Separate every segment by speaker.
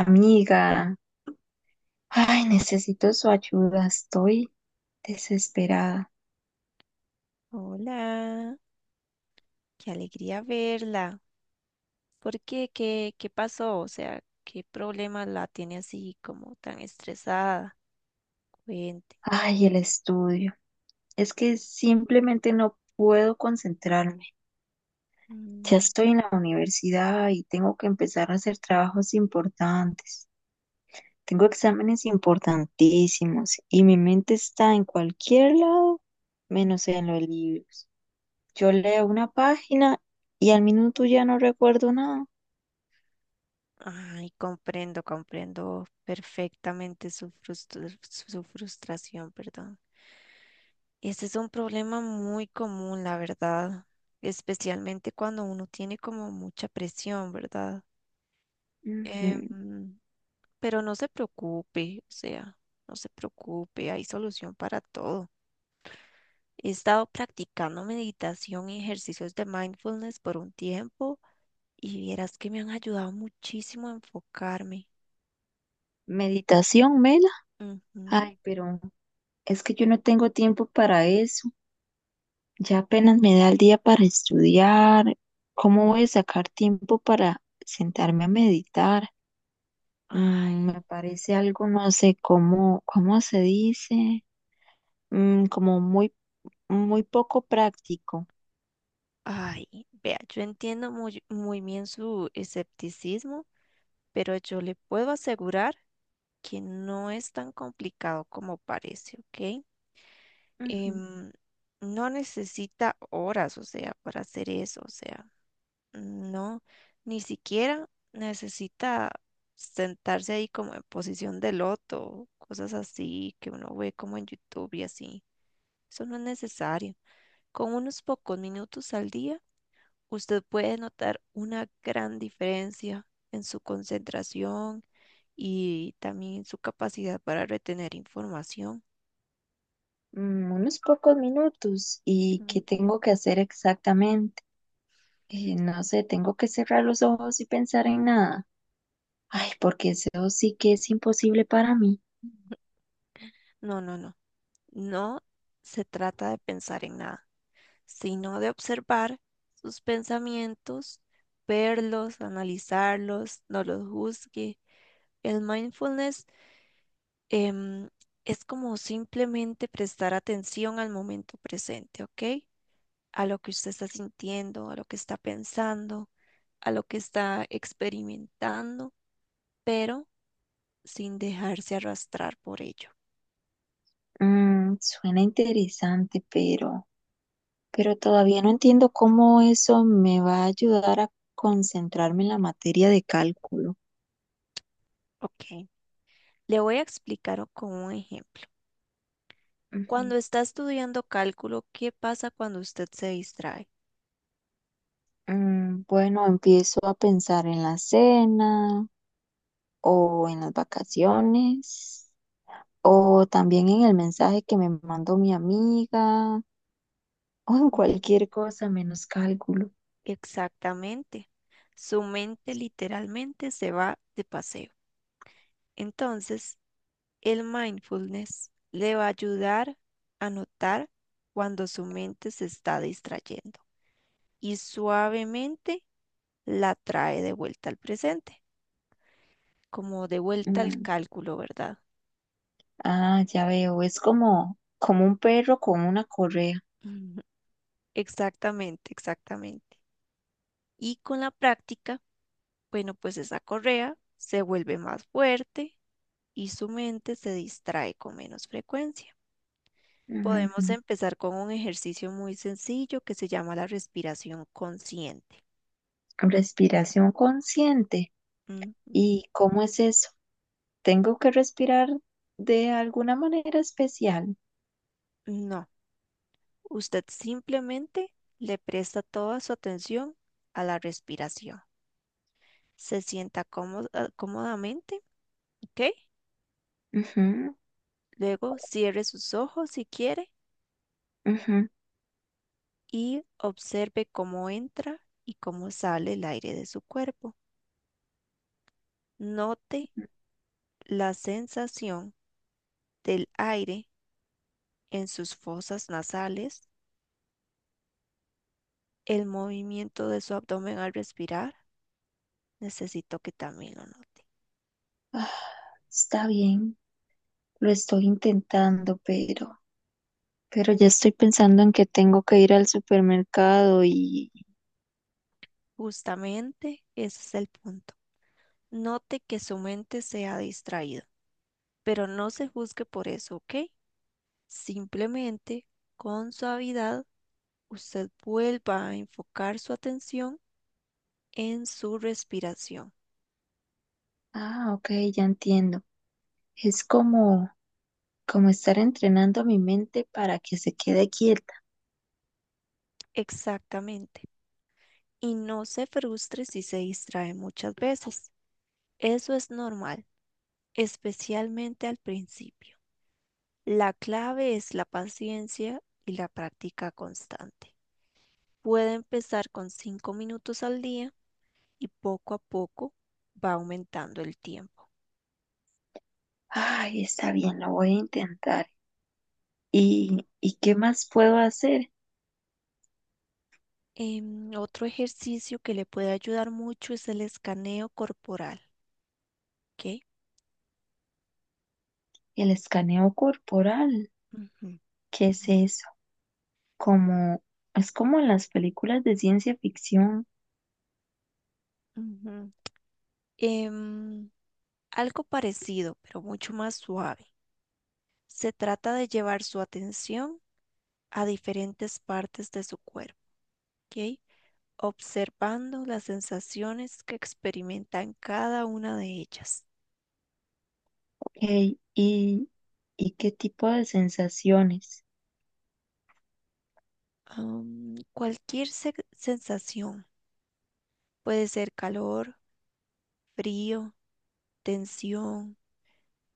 Speaker 1: Amiga, ay, necesito su ayuda, estoy desesperada.
Speaker 2: Hola, qué alegría verla. ¿Por qué? ¿¿Qué pasó? O sea, ¿qué problema la tiene así como tan estresada? Cuente.
Speaker 1: Ay, el estudio. Es que simplemente no puedo concentrarme. Ya
Speaker 2: Mm.
Speaker 1: estoy en la universidad y tengo que empezar a hacer trabajos importantes. Tengo exámenes importantísimos y mi mente está en cualquier lado, menos en los libros. Yo leo una página y al minuto ya no recuerdo nada.
Speaker 2: Ay, comprendo perfectamente su frustración, perdón. Este es un problema muy común, la verdad, especialmente cuando uno tiene como mucha presión, ¿verdad?
Speaker 1: Ujú.
Speaker 2: Em, pero no se preocupe, o sea, no se preocupe, hay solución para todo. He estado practicando meditación y ejercicios de mindfulness por un tiempo y vieras que me han ayudado muchísimo a enfocarme.
Speaker 1: Meditación, Mela.
Speaker 2: Ujú.
Speaker 1: Ay, pero es que yo no tengo tiempo para eso. Ya apenas me da el día para estudiar. ¿Cómo voy a sacar tiempo para sentarme a meditar?
Speaker 2: Ay,
Speaker 1: Me parece algo, no sé cómo se dice, como muy, muy poco práctico.
Speaker 2: ay, vea, yo entiendo muy, muy bien su escepticismo, pero yo le puedo asegurar que no es tan complicado como parece, ¿ok?
Speaker 1: Ujú.
Speaker 2: Em, no necesita horas, o sea, para hacer eso, o sea. No, ni siquiera necesita sentarse ahí como en posición de loto, cosas así que uno ve como en YouTube y así. Eso no es necesario. Con unos pocos minutos al día, usted puede notar una gran diferencia en su concentración y también en su capacidad para retener información.
Speaker 1: Mm, unos pocos minutos. ¿Y qué
Speaker 2: Ujú.
Speaker 1: tengo que hacer exactamente? No sé, tengo que cerrar los ojos y pensar en nada. Ay, porque eso sí que es imposible para mí.
Speaker 2: No, no, no. No se trata de pensar en nada, sino de observar sus pensamientos, verlos, analizarlos, no los juzgue. El mindfulness em, es como simplemente prestar atención al momento presente, ¿ok? A lo que usted está sintiendo, a lo que está pensando, a lo que está experimentando, pero sin dejarse arrastrar por ello,
Speaker 1: Suena interesante, pero todavía no entiendo cómo eso me va a ayudar a concentrarme en la materia de cálculo.
Speaker 2: ¿ok? Le voy a explicar con un ejemplo.
Speaker 1: Ujú.
Speaker 2: Cuando está estudiando cálculo, ¿qué pasa cuando usted se distrae?
Speaker 1: Bueno, empiezo a pensar en la cena o en las vacaciones o también en el mensaje que me mandó mi amiga o en cualquier cosa menos cálculo.
Speaker 2: Exactamente. Su mente literalmente se va de paseo. Entonces, el mindfulness le va a ayudar a notar cuando su mente se está distrayendo y suavemente la trae de vuelta al presente, como de vuelta al
Speaker 1: Mm,
Speaker 2: cálculo, ¿verdad?
Speaker 1: ah, ya veo, es como un perro con una correa.
Speaker 2: Ujú. Exactamente, exactamente. Y con la práctica, bueno, pues esa correa se vuelve más fuerte y su mente se distrae con menos frecuencia. Podemos empezar con un ejercicio muy sencillo que se llama la respiración consciente.
Speaker 1: Respiración consciente.
Speaker 2: Ujú.
Speaker 1: ¿Y cómo es eso? ¿Tengo que respirar de alguna manera especial?
Speaker 2: No, usted simplemente le presta toda su atención a la respiración. Se sienta cómodamente, ¿ok?
Speaker 1: Ujú,
Speaker 2: Luego cierre sus ojos si quiere
Speaker 1: ujú.
Speaker 2: y observe cómo entra y cómo sale el aire de su cuerpo. Note la sensación del aire en sus fosas nasales, el movimiento de su abdomen al respirar. Necesito que también lo note.
Speaker 1: Está bien, lo estoy intentando, pero ya estoy pensando en que tengo que ir al supermercado y...
Speaker 2: Justamente ese es el punto. Note que su mente se ha distraído, pero no se juzgue por eso, ¿ok? Simplemente con suavidad usted vuelva a enfocar su atención en su respiración.
Speaker 1: Ah, ok, ya entiendo. Es como estar entrenando a mi mente para que se quede quieta.
Speaker 2: Exactamente. Y no se frustre si se distrae muchas veces. Eso es normal, especialmente al principio. La clave es la paciencia y la práctica constante. Puede empezar con 5 minutos al día y poco a poco va aumentando el tiempo.
Speaker 1: Ay, está bien, lo voy a intentar. Y qué más puedo hacer?
Speaker 2: Otro ejercicio que le puede ayudar mucho es el escaneo corporal, ¿ok?
Speaker 1: El escaneo corporal.
Speaker 2: Ujú.
Speaker 1: ¿Qué es eso? Como, es como en las películas de ciencia ficción.
Speaker 2: Ujú. Em, Algo parecido, pero mucho más suave. Se trata de llevar su atención a diferentes partes de su cuerpo, ¿ok? Observando las sensaciones que experimentan cada una de ellas.
Speaker 1: Ok. ¿Y, y qué tipo de sensaciones?
Speaker 2: Cualquier sensación, puede ser calor, frío, tensión,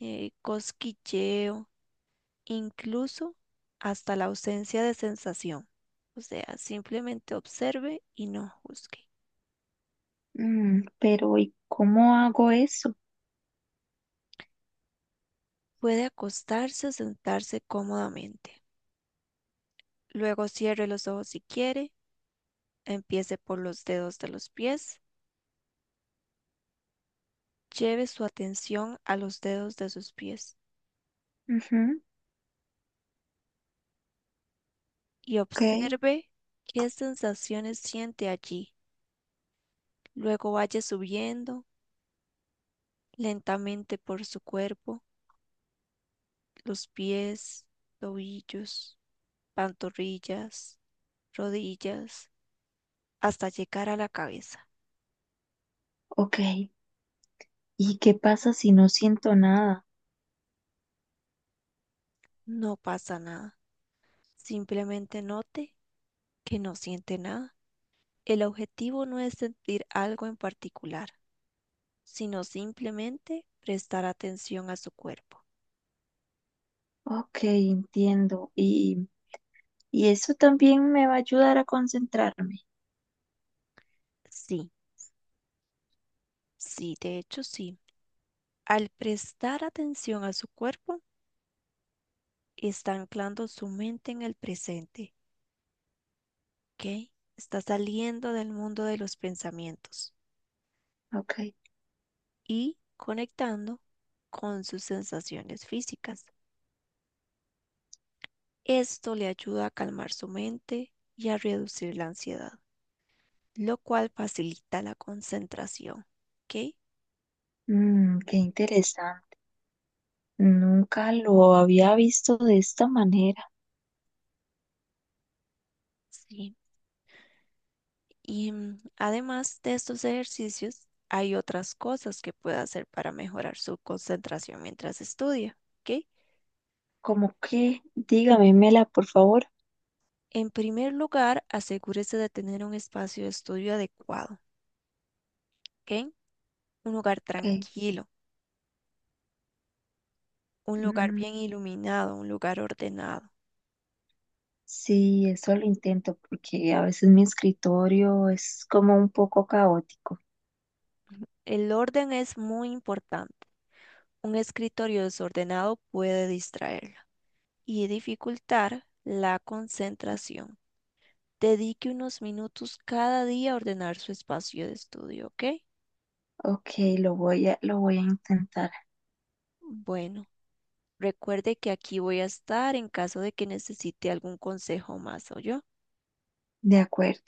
Speaker 2: cosquilleo, incluso hasta la ausencia de sensación. O sea, simplemente observe y no juzgue.
Speaker 1: Mm, pero ¿y cómo hago eso?
Speaker 2: Puede acostarse o sentarse cómodamente. Luego cierre los ojos si quiere, empiece por los dedos de los pies, lleve su atención a los dedos de sus pies
Speaker 1: Ujú,
Speaker 2: y
Speaker 1: ok,
Speaker 2: observe qué sensaciones siente allí. Luego vaya subiendo lentamente por su cuerpo, los pies, tobillos, pantorrillas, rodillas, hasta llegar a la cabeza.
Speaker 1: ok. ¿Y qué pasa si no siento nada?
Speaker 2: No pasa nada. Simplemente note que no siente nada. El objetivo no es sentir algo en particular, sino simplemente prestar atención a su cuerpo.
Speaker 1: Ok, entiendo. Y eso también me va a ayudar a concentrarme.
Speaker 2: Sí, sí, de hecho sí. Al prestar atención a su cuerpo, está anclando su mente en el presente, ¿ok? Está saliendo del mundo de los pensamientos
Speaker 1: Ok.
Speaker 2: y conectando con sus sensaciones físicas. Esto le ayuda a calmar su mente y a reducir la ansiedad, lo cual facilita la concentración, ¿ok?
Speaker 1: Mm, qué interesante. Nunca lo había visto de esta manera.
Speaker 2: Sí, y además de estos ejercicios, hay otras cosas que puede hacer para mejorar su concentración mientras estudia, ¿ok?
Speaker 1: Como que, dígamela, por favor.
Speaker 2: En primer lugar, asegúrese de tener un espacio de estudio adecuado, ¿ok? Un lugar
Speaker 1: Ok.
Speaker 2: tranquilo, un lugar
Speaker 1: Mm,
Speaker 2: bien iluminado, un lugar ordenado.
Speaker 1: sí, eso lo intento porque a veces mi escritorio es como un poco caótico.
Speaker 2: El orden es muy importante. Un escritorio desordenado puede distraerla y dificultar la concentración. Dedique unos minutos cada día a ordenar su espacio de estudio, ¿ok?
Speaker 1: Ok, lo voy a intentar.
Speaker 2: Bueno, recuerde que aquí voy a estar en caso de que necesite algún consejo más, yo.
Speaker 1: De acuerdo.